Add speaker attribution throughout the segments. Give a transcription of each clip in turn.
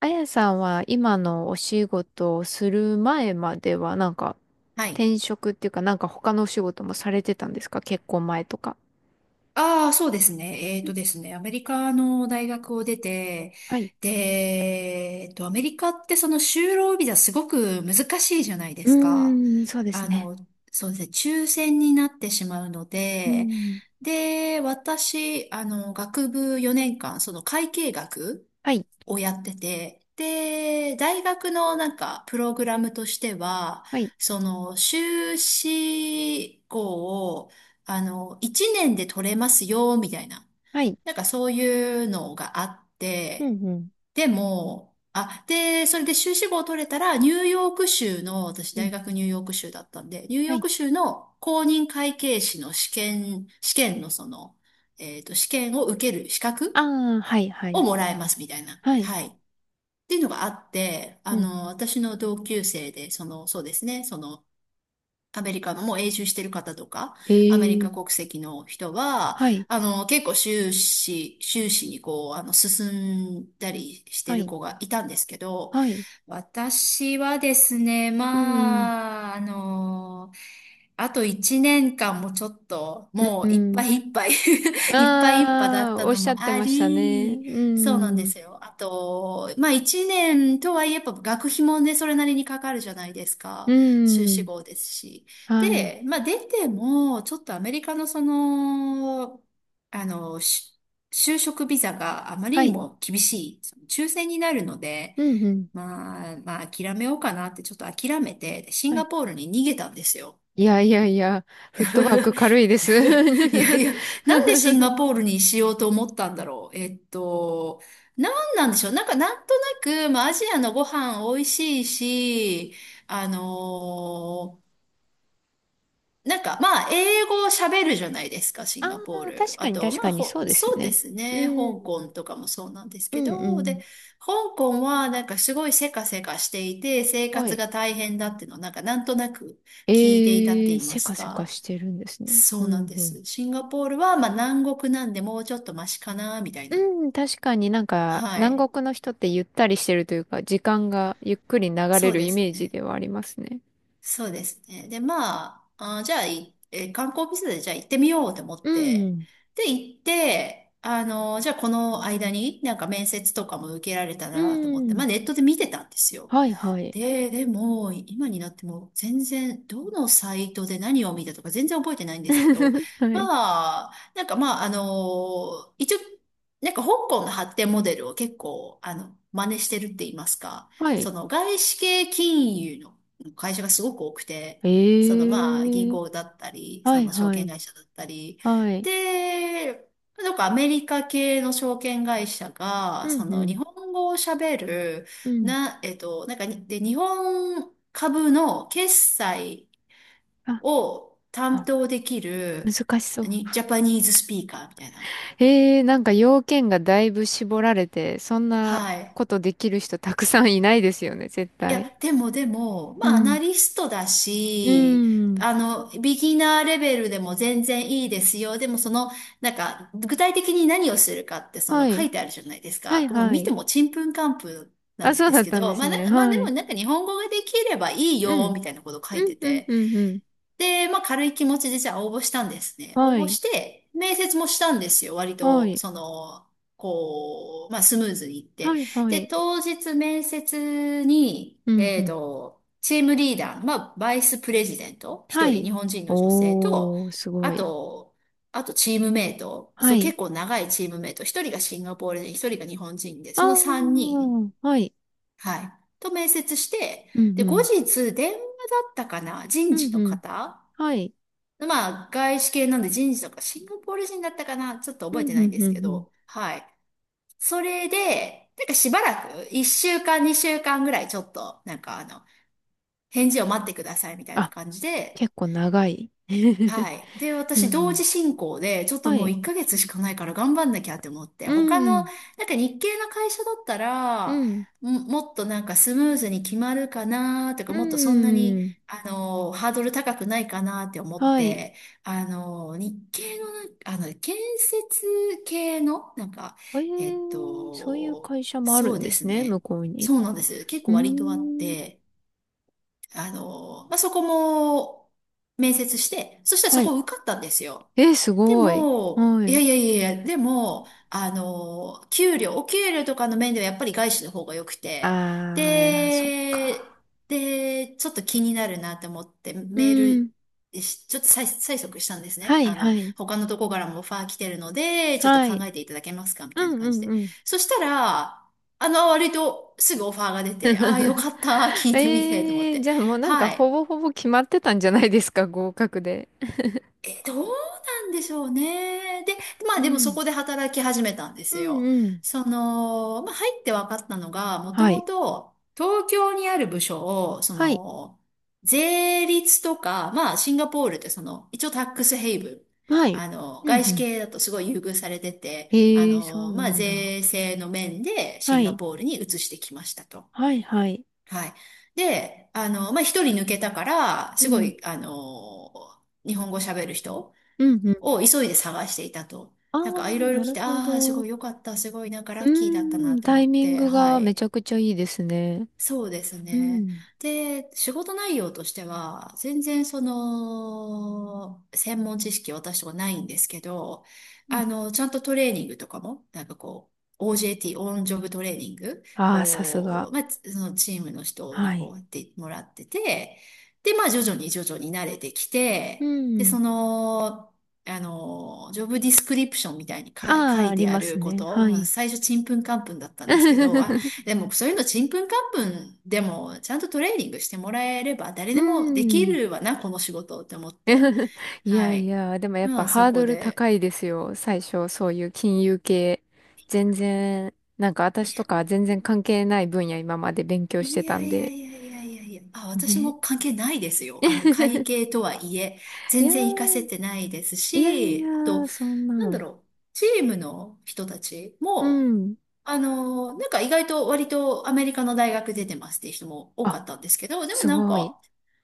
Speaker 1: あやさんは今のお仕事をする前まではなんか、
Speaker 2: はい。
Speaker 1: 転職っていうかなんか他のお仕事もされてたんですか、結婚前とか。
Speaker 2: ああ、そうですね。
Speaker 1: うん。
Speaker 2: アメリカの大学を出て、
Speaker 1: はい。
Speaker 2: で、えっと、アメリカってその就労ビザすごく難しいじゃないで
Speaker 1: う
Speaker 2: すか。
Speaker 1: ーん、そうです
Speaker 2: あ
Speaker 1: ね。
Speaker 2: の、そうですね、抽選になってしまうの
Speaker 1: うー
Speaker 2: で、
Speaker 1: ん。
Speaker 2: で、私、学部4年間、その会計学
Speaker 1: はい。
Speaker 2: をやってて、で、大学のなんかプログラムとしては、
Speaker 1: はい。
Speaker 2: その修士号を、1年で取れますよ、みたいな。
Speaker 1: はい。
Speaker 2: なんかそういうのがあっ
Speaker 1: うん、
Speaker 2: て、
Speaker 1: うん。
Speaker 2: でも、あ、で、それで修士号を取れたら、ニューヨーク州の、私
Speaker 1: う
Speaker 2: 大
Speaker 1: ん。
Speaker 2: 学ニューヨーク州だったんで、ニュー
Speaker 1: は
Speaker 2: ヨー
Speaker 1: い。
Speaker 2: ク州の公認会計士の試験のその、試験を受ける資
Speaker 1: あ
Speaker 2: 格
Speaker 1: あ、はい、は
Speaker 2: を
Speaker 1: い。
Speaker 2: もらえますみたいな。
Speaker 1: はい。
Speaker 2: はい。っていうのがあって、
Speaker 1: うん。
Speaker 2: 私の同級生で、そうですね、アメリカのもう永住してる方とか、
Speaker 1: へ
Speaker 2: アメリカ
Speaker 1: え。
Speaker 2: 国籍の人は、
Speaker 1: はい。
Speaker 2: 結構修士にこう、進んだりして
Speaker 1: は
Speaker 2: る
Speaker 1: い。
Speaker 2: 子がいたんですけど、
Speaker 1: はい。
Speaker 2: 私はですね、
Speaker 1: うん。
Speaker 2: あと1年間もちょっと、も
Speaker 1: う
Speaker 2: ういっぱ
Speaker 1: ん。
Speaker 2: いいっぱい いっぱい
Speaker 1: あ
Speaker 2: いっぱいだっ
Speaker 1: あー、
Speaker 2: た
Speaker 1: おっ
Speaker 2: の
Speaker 1: しゃっ
Speaker 2: も
Speaker 1: て
Speaker 2: あ
Speaker 1: ましたね。
Speaker 2: り、
Speaker 1: う
Speaker 2: そうなんで
Speaker 1: ん。
Speaker 2: すよ。あと、まあ1年とはいえ、やっぱ学費もね、それなりにかかるじゃないです
Speaker 1: う
Speaker 2: か。修士
Speaker 1: ん。
Speaker 2: 号ですし。
Speaker 1: はい。
Speaker 2: で、まあ出ても、ちょっとアメリカのその、あの、し就職ビザがあまり
Speaker 1: は
Speaker 2: に
Speaker 1: い。
Speaker 2: も厳しい、その抽選になるので、
Speaker 1: うん、うん。
Speaker 2: まあ、諦めようかなって、ちょっと諦めて、シン
Speaker 1: は
Speaker 2: ガ
Speaker 1: い。
Speaker 2: ポールに逃げたんですよ。
Speaker 1: いやいやいや、フッ トワーク軽いです。
Speaker 2: い やいや、なんでシンガポールにしようと思ったんだろう。なんなんでしょう。なんか、なんとなく、まあ、アジアのご飯美味しいし、あのーなんか、まあ、英語を喋るじゃないですか、シ
Speaker 1: あ
Speaker 2: ンガポー
Speaker 1: あ、
Speaker 2: ル。
Speaker 1: 確
Speaker 2: あ
Speaker 1: かに
Speaker 2: と、
Speaker 1: 確
Speaker 2: ま
Speaker 1: か
Speaker 2: あ、
Speaker 1: にそうですよ
Speaker 2: そうで
Speaker 1: ね。
Speaker 2: すね、
Speaker 1: う
Speaker 2: 香
Speaker 1: ん、
Speaker 2: 港とかもそうなんです
Speaker 1: う
Speaker 2: け
Speaker 1: んう
Speaker 2: ど、で、
Speaker 1: ん。
Speaker 2: 香港はなんかすごいせかせかしていて、生
Speaker 1: は
Speaker 2: 活
Speaker 1: い。
Speaker 2: が大変だっていうのをなんかなんとなく聞いていたって
Speaker 1: えー、
Speaker 2: 言いま
Speaker 1: せ
Speaker 2: す
Speaker 1: かせか
Speaker 2: か。
Speaker 1: してるんですね。
Speaker 2: そ
Speaker 1: う
Speaker 2: うなん
Speaker 1: ん
Speaker 2: で
Speaker 1: うん。
Speaker 2: す。シンガポールは、まあ、南国なんでもうちょっとマシかな、みたい
Speaker 1: う
Speaker 2: な。
Speaker 1: ん、確かになんか
Speaker 2: はい。
Speaker 1: 南国の人ってゆったりしてるというか、時間がゆっくり流
Speaker 2: そ
Speaker 1: れ
Speaker 2: う
Speaker 1: る
Speaker 2: で
Speaker 1: イ
Speaker 2: す
Speaker 1: メージ
Speaker 2: ね。
Speaker 1: ではありますね。
Speaker 2: そうですね。で、まあ、じゃあ、いえー観光ビザでじゃあ行ってみようと思
Speaker 1: う
Speaker 2: って。
Speaker 1: ん、
Speaker 2: で、行って、じゃあこの間になんか面接とかも受けられた
Speaker 1: う
Speaker 2: らなと思って、ま
Speaker 1: ん。
Speaker 2: あネットで見てたんですよ。
Speaker 1: はいはい。
Speaker 2: で、でも、今になっても全然、どのサイトで何を見たとか全然覚えてないんですけど、
Speaker 1: はい。
Speaker 2: まあ、一応、なんか香港の発展モデルを結構、真似してるって言いますか、
Speaker 1: はい。
Speaker 2: その外資系金融の会社がすごく多くて、
Speaker 1: え
Speaker 2: そのまあ、銀
Speaker 1: ー、
Speaker 2: 行だったり、
Speaker 1: は
Speaker 2: そ
Speaker 1: い
Speaker 2: の証
Speaker 1: は
Speaker 2: 券
Speaker 1: い。
Speaker 2: 会社だったり、
Speaker 1: はい。
Speaker 2: で、なんかアメリカ系の証券会社
Speaker 1: う
Speaker 2: が、そ
Speaker 1: ん
Speaker 2: の
Speaker 1: う
Speaker 2: 日
Speaker 1: ん。
Speaker 2: 本語を喋る、
Speaker 1: うん。
Speaker 2: な、えっと、なんかに、で、日本株の決済
Speaker 1: あ、
Speaker 2: を担
Speaker 1: あ、
Speaker 2: 当できる、
Speaker 1: 難しそう。
Speaker 2: ジャパニーズスピーカーみたいな。
Speaker 1: えー、なんか要件がだいぶ絞られて、そんな
Speaker 2: はい。
Speaker 1: ことできる人たくさんいないですよね、絶
Speaker 2: い
Speaker 1: 対。
Speaker 2: や、でも、
Speaker 1: う
Speaker 2: まあ、アナ
Speaker 1: ん。
Speaker 2: リストだ
Speaker 1: うー
Speaker 2: し、
Speaker 1: ん。
Speaker 2: ビギナーレベルでも全然いいですよ。でもその、なんか、具体的に何をするかって、そ
Speaker 1: は
Speaker 2: の書
Speaker 1: い。
Speaker 2: いてあるじゃないです
Speaker 1: は
Speaker 2: か。
Speaker 1: い、
Speaker 2: もう
Speaker 1: は
Speaker 2: 見て
Speaker 1: い。
Speaker 2: もちんぷんかんぷんな
Speaker 1: あ、
Speaker 2: ん
Speaker 1: そう
Speaker 2: で
Speaker 1: だ
Speaker 2: す
Speaker 1: っ
Speaker 2: け
Speaker 1: たんで
Speaker 2: ど、
Speaker 1: す
Speaker 2: まあ、な
Speaker 1: ね。
Speaker 2: まあ
Speaker 1: は
Speaker 2: で
Speaker 1: い。
Speaker 2: もなんか日本語ができればいい
Speaker 1: う
Speaker 2: よ、
Speaker 1: ん。
Speaker 2: みたいなこと書い
Speaker 1: う
Speaker 2: て
Speaker 1: ん、うん、
Speaker 2: て。
Speaker 1: うん、うん。
Speaker 2: で、まあ軽い気持ちでじゃあ応募したんですね。応
Speaker 1: は
Speaker 2: 募
Speaker 1: い。
Speaker 2: して、面接もしたんですよ。割
Speaker 1: は
Speaker 2: と、
Speaker 1: い。
Speaker 2: こう、まあスムーズにいって。
Speaker 1: はい、は
Speaker 2: で、
Speaker 1: い。
Speaker 2: 当日面接に、
Speaker 1: うん、うん。
Speaker 2: チームリーダーの、まあバイスプレジデント、
Speaker 1: は
Speaker 2: 一人
Speaker 1: い。
Speaker 2: 日本人の女性と、
Speaker 1: おー、すご
Speaker 2: あ
Speaker 1: い。
Speaker 2: と、あとチームメイト、
Speaker 1: は
Speaker 2: そう
Speaker 1: い。
Speaker 2: 結構長いチームメイト、一人がシンガポール人、一人が日本人で、
Speaker 1: あ
Speaker 2: その三人、
Speaker 1: ー、はい。
Speaker 2: はい、と面接して、
Speaker 1: うん、
Speaker 2: で、
Speaker 1: う
Speaker 2: 後
Speaker 1: ん。
Speaker 2: 日電話だったかな、人
Speaker 1: う
Speaker 2: 事
Speaker 1: ん、
Speaker 2: の
Speaker 1: うん。
Speaker 2: 方、
Speaker 1: はい。
Speaker 2: まあ、外資系なんで人事とか、シンガポール人だったかなちょっと
Speaker 1: う
Speaker 2: 覚え
Speaker 1: ん、
Speaker 2: てな
Speaker 1: う
Speaker 2: いん
Speaker 1: ん、
Speaker 2: で
Speaker 1: うん、
Speaker 2: す
Speaker 1: う
Speaker 2: け
Speaker 1: ん。
Speaker 2: ど、はい。それで、なんかしばらく、1週間、2週間ぐらいちょっと、返事を待ってくださいみたいな
Speaker 1: あ、
Speaker 2: 感じで、
Speaker 1: 結構長い。
Speaker 2: はい。で、
Speaker 1: うん
Speaker 2: 私、
Speaker 1: う
Speaker 2: 同
Speaker 1: ん。
Speaker 2: 時進行で、ちょっと
Speaker 1: は
Speaker 2: もう
Speaker 1: い。
Speaker 2: 1ヶ月しかないから頑張んなきゃって思って、
Speaker 1: う
Speaker 2: 他の、
Speaker 1: ん。
Speaker 2: なんか日系の会社だった
Speaker 1: う
Speaker 2: ら、
Speaker 1: ん。
Speaker 2: もっとなんかスムーズに決まるかなとか、
Speaker 1: う
Speaker 2: もっとそんなに、
Speaker 1: ん。
Speaker 2: ハードル高くないかなって思っ
Speaker 1: はい。
Speaker 2: て、日系のなんか、建設系の、なんか、
Speaker 1: え
Speaker 2: えっ
Speaker 1: ー、そういう
Speaker 2: と、
Speaker 1: 会社もある
Speaker 2: そう
Speaker 1: んで
Speaker 2: で
Speaker 1: す
Speaker 2: す
Speaker 1: ね、向
Speaker 2: ね。
Speaker 1: こう
Speaker 2: そ
Speaker 1: に。
Speaker 2: うなんです。結
Speaker 1: う
Speaker 2: 構割とあっ
Speaker 1: ーん。
Speaker 2: て、そこも面接して、そしたら
Speaker 1: は
Speaker 2: そ
Speaker 1: い。
Speaker 2: こ受かったんですよ。
Speaker 1: えー、す
Speaker 2: で
Speaker 1: ごい。
Speaker 2: も、
Speaker 1: は
Speaker 2: いや
Speaker 1: い。
Speaker 2: いやいやいや、でも、お給料とかの面ではやっぱり外資の方が良くて、
Speaker 1: あー、そっ
Speaker 2: で、
Speaker 1: か。
Speaker 2: で、ちょっと気になるなって思って
Speaker 1: う
Speaker 2: メー
Speaker 1: ん。
Speaker 2: ルし、ちょっと催促したんです
Speaker 1: は
Speaker 2: ね。
Speaker 1: い、はい。
Speaker 2: 他のとこからもオファー来てるので、ちょっと
Speaker 1: は
Speaker 2: 考
Speaker 1: い。
Speaker 2: えていただけますかみ
Speaker 1: う
Speaker 2: たいな
Speaker 1: ん、う
Speaker 2: 感じ
Speaker 1: ん、
Speaker 2: で。
Speaker 1: うん。
Speaker 2: そしたら、割とすぐオファーが出て、ああ、よ かった、聞い
Speaker 1: え
Speaker 2: てみて、と思っ
Speaker 1: ー、
Speaker 2: て。
Speaker 1: じゃあもうなんか
Speaker 2: は
Speaker 1: ほ
Speaker 2: い。
Speaker 1: ぼほぼ決まってたんじゃないですか、合格で。
Speaker 2: え、どうなんでしょうね。で、ま
Speaker 1: う
Speaker 2: あでもそ
Speaker 1: ん。
Speaker 2: こで働き始めたんで
Speaker 1: う
Speaker 2: すよ。
Speaker 1: ん、うん。
Speaker 2: その、まあ入って分かったのが、もと
Speaker 1: は
Speaker 2: も
Speaker 1: い。
Speaker 2: と東京にある部署を、
Speaker 1: はい。
Speaker 2: 税率とか、まあシンガポールってその、一応タックスヘイブン。
Speaker 1: はい。うん、
Speaker 2: 外
Speaker 1: う
Speaker 2: 資
Speaker 1: ん。
Speaker 2: 系だとすごい優遇されてて、
Speaker 1: えー、そうな
Speaker 2: まあ
Speaker 1: んだ。
Speaker 2: 税制の面でシ
Speaker 1: は
Speaker 2: ンガ
Speaker 1: い。
Speaker 2: ポールに移してきましたと。
Speaker 1: はい、はい。
Speaker 2: はい。で、まあ一人抜けたから、
Speaker 1: う
Speaker 2: すご
Speaker 1: ん。
Speaker 2: い、日本語喋る人
Speaker 1: うんうん。
Speaker 2: を急いで探していたと。
Speaker 1: あ
Speaker 2: なんか、い
Speaker 1: あ、
Speaker 2: ろいろ
Speaker 1: な
Speaker 2: 聞い
Speaker 1: る
Speaker 2: て、
Speaker 1: ほ
Speaker 2: ああ、す
Speaker 1: ど。
Speaker 2: ご
Speaker 1: う
Speaker 2: い良かった、すごいなんかラ
Speaker 1: ー
Speaker 2: ッキーだったなっ
Speaker 1: ん、
Speaker 2: て
Speaker 1: タ
Speaker 2: 思
Speaker 1: イ
Speaker 2: っ
Speaker 1: ミン
Speaker 2: て、
Speaker 1: グ
Speaker 2: は
Speaker 1: がめち
Speaker 2: い。
Speaker 1: ゃくちゃいいですね。
Speaker 2: そうです
Speaker 1: う
Speaker 2: ね。
Speaker 1: ん。
Speaker 2: で、仕事内容としては、全然その、専門知識は私とかないんですけど、
Speaker 1: うん。
Speaker 2: ちゃんとトレーニングとかも、OJT、オンジョブトレーニング
Speaker 1: ああー、さすが。
Speaker 2: を、そのチームの人
Speaker 1: は
Speaker 2: にこ
Speaker 1: い。
Speaker 2: うやってもらってて、で、まあ、徐々に徐々に慣れてき
Speaker 1: う
Speaker 2: て、で、そ
Speaker 1: ん。
Speaker 2: の、ジョブディスクリプションみたいに書
Speaker 1: ああ、あ
Speaker 2: い
Speaker 1: り
Speaker 2: てあ
Speaker 1: ます
Speaker 2: るこ
Speaker 1: ね。
Speaker 2: と、
Speaker 1: は
Speaker 2: まあ
Speaker 1: い。
Speaker 2: 最初ちんぷんかんぷんだったんですけど、でもそういうのちんぷんかんぷんでもちゃんとトレーニングしてもらえれば誰
Speaker 1: う
Speaker 2: でもでき
Speaker 1: ん。
Speaker 2: るわな、この仕事って思って。
Speaker 1: い
Speaker 2: は
Speaker 1: やい
Speaker 2: い。
Speaker 1: や、でもやっ
Speaker 2: ま
Speaker 1: ぱ
Speaker 2: あそ
Speaker 1: ハー
Speaker 2: こ
Speaker 1: ドル
Speaker 2: で。
Speaker 1: 高いですよ。最初、そういう金融系。全然、なんか私とか全
Speaker 2: い
Speaker 1: 然関係ない分野今まで勉強してた
Speaker 2: や
Speaker 1: ん
Speaker 2: いや
Speaker 1: で。
Speaker 2: いやいやいやいやいや。あ、私
Speaker 1: ね。
Speaker 2: も関係ないですよ。あの会 計とはいえ、
Speaker 1: い
Speaker 2: 全
Speaker 1: や
Speaker 2: 然活か
Speaker 1: ー、
Speaker 2: せてないです
Speaker 1: いやい
Speaker 2: し、あ
Speaker 1: や、
Speaker 2: と、
Speaker 1: そん
Speaker 2: なんだ
Speaker 1: な。
Speaker 2: ろう、チームの人たち
Speaker 1: う
Speaker 2: も、
Speaker 1: ん。
Speaker 2: なんか意外と割とアメリカの大学出てますっていう人も多か
Speaker 1: あ、
Speaker 2: ったんですけど、でも
Speaker 1: す
Speaker 2: なん
Speaker 1: ごい。
Speaker 2: か、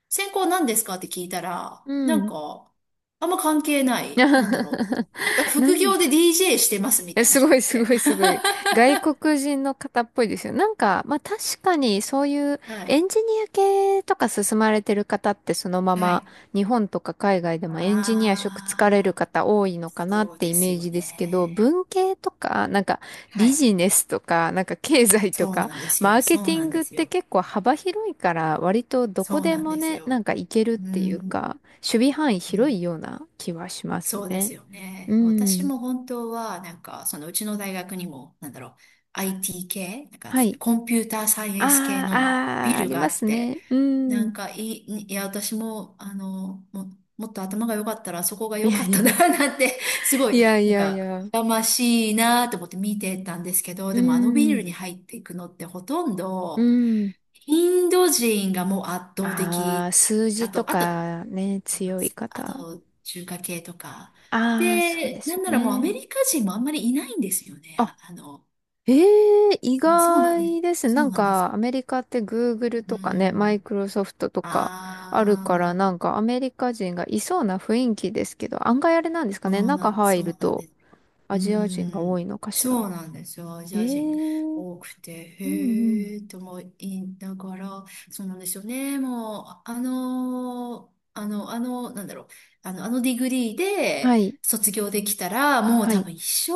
Speaker 2: 専攻何ですかって聞いたら、
Speaker 1: う
Speaker 2: なん
Speaker 1: ん。
Speaker 2: か、あんま関係ない、なんだろう。なんか 副
Speaker 1: 何
Speaker 2: 業で DJ してますみ
Speaker 1: え、
Speaker 2: たいな
Speaker 1: す
Speaker 2: 人
Speaker 1: ご
Speaker 2: も
Speaker 1: い
Speaker 2: い
Speaker 1: す
Speaker 2: て。
Speaker 1: ごいすごい。外国人の方っぽいですよ。なんか、まあ確かにそういう
Speaker 2: は
Speaker 1: エ
Speaker 2: い。
Speaker 1: ンジニア系とか進まれてる方ってそのま
Speaker 2: は
Speaker 1: ま
Speaker 2: い。
Speaker 1: 日本とか海外でもエンジニア職つかれる
Speaker 2: ああ、
Speaker 1: 方多いのかなっ
Speaker 2: そう
Speaker 1: て
Speaker 2: で
Speaker 1: イ
Speaker 2: す
Speaker 1: メー
Speaker 2: よ
Speaker 1: ジですけど、
Speaker 2: ね。
Speaker 1: 文系とか、なんか
Speaker 2: は
Speaker 1: ビ
Speaker 2: い。
Speaker 1: ジネスとか、なんか経済と
Speaker 2: そう
Speaker 1: か、
Speaker 2: なんです
Speaker 1: マ
Speaker 2: よ。
Speaker 1: ーケ
Speaker 2: そ
Speaker 1: テ
Speaker 2: う
Speaker 1: ィ
Speaker 2: な
Speaker 1: ン
Speaker 2: ん
Speaker 1: グ
Speaker 2: で
Speaker 1: っ
Speaker 2: す
Speaker 1: て
Speaker 2: よ。
Speaker 1: 結構幅広いから割とどこ
Speaker 2: そう
Speaker 1: で
Speaker 2: なん
Speaker 1: も
Speaker 2: です
Speaker 1: ね、な
Speaker 2: よ。
Speaker 1: んかいけるっ
Speaker 2: う
Speaker 1: ていう
Speaker 2: ん。
Speaker 1: か、守備範囲
Speaker 2: う
Speaker 1: 広い
Speaker 2: ん、
Speaker 1: ような気はします
Speaker 2: そうです
Speaker 1: ね。
Speaker 2: よ
Speaker 1: う
Speaker 2: ね。私
Speaker 1: ん。
Speaker 2: も本当は、なんか、そのうちの大学にも、なんだろう、IT 系、なんか、
Speaker 1: はい。
Speaker 2: コンピューターサイエンス系
Speaker 1: ああ、
Speaker 2: のビ
Speaker 1: ああ、あ
Speaker 2: ル
Speaker 1: り
Speaker 2: があ
Speaker 1: ま
Speaker 2: っ
Speaker 1: す
Speaker 2: て、
Speaker 1: ね。うん。
Speaker 2: 私も、もっと頭が良かったら、そこが
Speaker 1: い
Speaker 2: 良
Speaker 1: や
Speaker 2: かっ
Speaker 1: い
Speaker 2: たな、
Speaker 1: や、
Speaker 2: なんて、すごい、
Speaker 1: いやい
Speaker 2: なん
Speaker 1: やい
Speaker 2: か、
Speaker 1: や。
Speaker 2: 羨ましいなと思って見てたんですけど、
Speaker 1: う
Speaker 2: でもあのビ
Speaker 1: ん、
Speaker 2: ルに入っていくのってほとん
Speaker 1: う
Speaker 2: ど、
Speaker 1: ん。
Speaker 2: インド人がもう圧倒
Speaker 1: ああ、
Speaker 2: 的。
Speaker 1: 数
Speaker 2: あ
Speaker 1: 字と
Speaker 2: と、あと、
Speaker 1: かね、強い
Speaker 2: あ
Speaker 1: 方。
Speaker 2: と、中華系とか。
Speaker 1: ああ、そうで
Speaker 2: で、
Speaker 1: す
Speaker 2: な
Speaker 1: よ
Speaker 2: んならもうアメ
Speaker 1: ね。
Speaker 2: リカ人もあんまりいないんですよね。
Speaker 1: あ、ええ、意
Speaker 2: そうなんです。
Speaker 1: 外です。
Speaker 2: そ
Speaker 1: な
Speaker 2: う
Speaker 1: ん
Speaker 2: なんですよ。
Speaker 1: か、アメリカって Google
Speaker 2: う
Speaker 1: とかね、マイ
Speaker 2: ん。
Speaker 1: クロソフトとか
Speaker 2: あ
Speaker 1: あるから、
Speaker 2: あ。
Speaker 1: なんかアメリカ人がいそうな雰囲気ですけど、案外あれなんですかね。中入
Speaker 2: そ
Speaker 1: る
Speaker 2: うなん
Speaker 1: と
Speaker 2: ですよ。
Speaker 1: ア
Speaker 2: う
Speaker 1: ジア人が
Speaker 2: ー
Speaker 1: 多
Speaker 2: ん、
Speaker 1: いのかしら。
Speaker 2: そうなんですよ。アジ
Speaker 1: ええ、
Speaker 2: ア人
Speaker 1: うん
Speaker 2: 多くて、
Speaker 1: うん。
Speaker 2: へえと思いながら、そうなんですよね。もう、なんだろう、あのディグリー
Speaker 1: は
Speaker 2: で
Speaker 1: い。
Speaker 2: 卒業できたら、もう
Speaker 1: は
Speaker 2: 多
Speaker 1: い。
Speaker 2: 分一生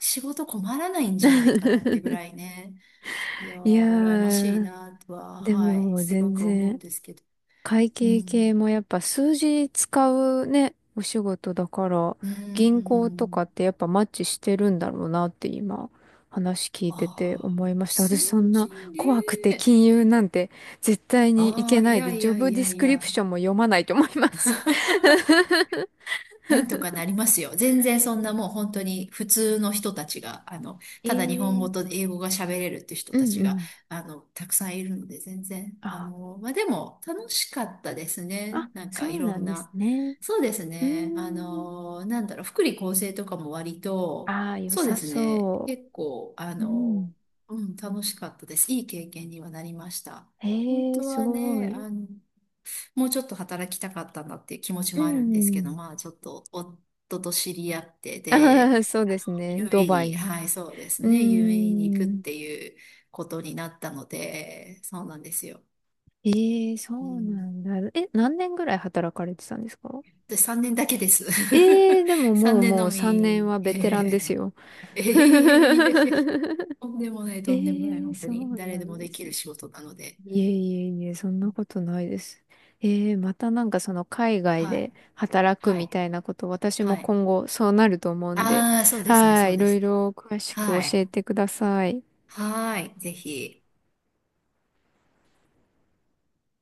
Speaker 2: 仕事困らないんじゃないかなってぐら いね。いや
Speaker 1: いや
Speaker 2: ー、羨ましい
Speaker 1: ー、
Speaker 2: なとは、
Speaker 1: で
Speaker 2: はい、
Speaker 1: も
Speaker 2: すご
Speaker 1: 全
Speaker 2: く思うん
Speaker 1: 然、
Speaker 2: ですけど。
Speaker 1: 会
Speaker 2: う
Speaker 1: 計系
Speaker 2: ん、
Speaker 1: もやっぱ数字使うね、お仕事だから、
Speaker 2: う
Speaker 1: 銀行とかっ
Speaker 2: ん、
Speaker 1: てやっぱマッチしてるんだろうなって今、話聞いてて
Speaker 2: あ
Speaker 1: 思い
Speaker 2: あ、
Speaker 1: ました。
Speaker 2: 数
Speaker 1: 私そん
Speaker 2: 字
Speaker 1: な怖くて
Speaker 2: ね。
Speaker 1: 金融なんて絶対にい
Speaker 2: あ
Speaker 1: け
Speaker 2: あ、い
Speaker 1: ない
Speaker 2: や
Speaker 1: で、
Speaker 2: い
Speaker 1: ジョ
Speaker 2: や
Speaker 1: ブ
Speaker 2: い
Speaker 1: ディ
Speaker 2: や
Speaker 1: ス
Speaker 2: い
Speaker 1: クリプ
Speaker 2: や。
Speaker 1: ションも読まないと思います。
Speaker 2: なんとかなりますよ。全然そんなもう本当に普通の人たちが、
Speaker 1: え
Speaker 2: ただ日本語
Speaker 1: ー、
Speaker 2: と英語が喋れるって人
Speaker 1: う
Speaker 2: た
Speaker 1: ん
Speaker 2: ち
Speaker 1: う
Speaker 2: が、
Speaker 1: ん。
Speaker 2: たくさんいるので、全然。
Speaker 1: あ、
Speaker 2: まあ、でも楽しかったですね。
Speaker 1: あ、
Speaker 2: なんか
Speaker 1: そ
Speaker 2: い
Speaker 1: う
Speaker 2: ろ
Speaker 1: な
Speaker 2: ん
Speaker 1: んです
Speaker 2: な。
Speaker 1: ね。
Speaker 2: そうです
Speaker 1: うー
Speaker 2: ね。
Speaker 1: ん。
Speaker 2: なんだろう、福利厚生とかも割と、
Speaker 1: ああ、良
Speaker 2: そう
Speaker 1: さ
Speaker 2: ですね。
Speaker 1: そ
Speaker 2: 結構、
Speaker 1: う。うん。
Speaker 2: うん、楽しかったです。いい経験にはなりました。本
Speaker 1: ええー、
Speaker 2: 当
Speaker 1: す
Speaker 2: は
Speaker 1: ご
Speaker 2: ね、
Speaker 1: い。
Speaker 2: もうちょっと働きたかったんだっていう気持ち
Speaker 1: う
Speaker 2: もあるんですけど、
Speaker 1: ん。
Speaker 2: まあちょっと夫と知り合って、で、
Speaker 1: ああ、そう
Speaker 2: あ
Speaker 1: で
Speaker 2: の
Speaker 1: すね。
Speaker 2: ユーエー
Speaker 1: ド
Speaker 2: イー
Speaker 1: バイ
Speaker 2: に、
Speaker 1: に。
Speaker 2: はい、そうです
Speaker 1: うー
Speaker 2: ね、u a に行くっ
Speaker 1: ん。
Speaker 2: ていうことになったので、そうなんですよ。
Speaker 1: ええ、そ
Speaker 2: う
Speaker 1: うな
Speaker 2: ん、
Speaker 1: んだ。え、何年ぐらい働かれてたんですか？
Speaker 2: で、3年だけです。
Speaker 1: ええー、でも、 も
Speaker 2: 3
Speaker 1: う
Speaker 2: 年
Speaker 1: も
Speaker 2: の
Speaker 1: う3年
Speaker 2: み。
Speaker 1: は
Speaker 2: え
Speaker 1: ベテランです
Speaker 2: え
Speaker 1: よ。
Speaker 2: ええ、いやいやいや、とんでもない、とんでもない、
Speaker 1: ええ、
Speaker 2: 本当
Speaker 1: そ
Speaker 2: に。
Speaker 1: う
Speaker 2: 誰
Speaker 1: な
Speaker 2: で
Speaker 1: ん
Speaker 2: も
Speaker 1: で
Speaker 2: でき
Speaker 1: す
Speaker 2: る
Speaker 1: ね。
Speaker 2: 仕事なので。
Speaker 1: いえいえいえ、そんなことないです。ええ、またなんかその海外
Speaker 2: はい、
Speaker 1: で働く
Speaker 2: は
Speaker 1: み
Speaker 2: い、
Speaker 1: たいなこと、私
Speaker 2: は
Speaker 1: も
Speaker 2: い。
Speaker 1: 今後そうなると思うんで、
Speaker 2: ああ、そうですね、
Speaker 1: は
Speaker 2: そ
Speaker 1: い、
Speaker 2: う
Speaker 1: い
Speaker 2: で
Speaker 1: ろ
Speaker 2: す
Speaker 1: い
Speaker 2: ね。
Speaker 1: ろ詳しく
Speaker 2: は
Speaker 1: 教
Speaker 2: い、
Speaker 1: えてください。
Speaker 2: はい、ぜひ。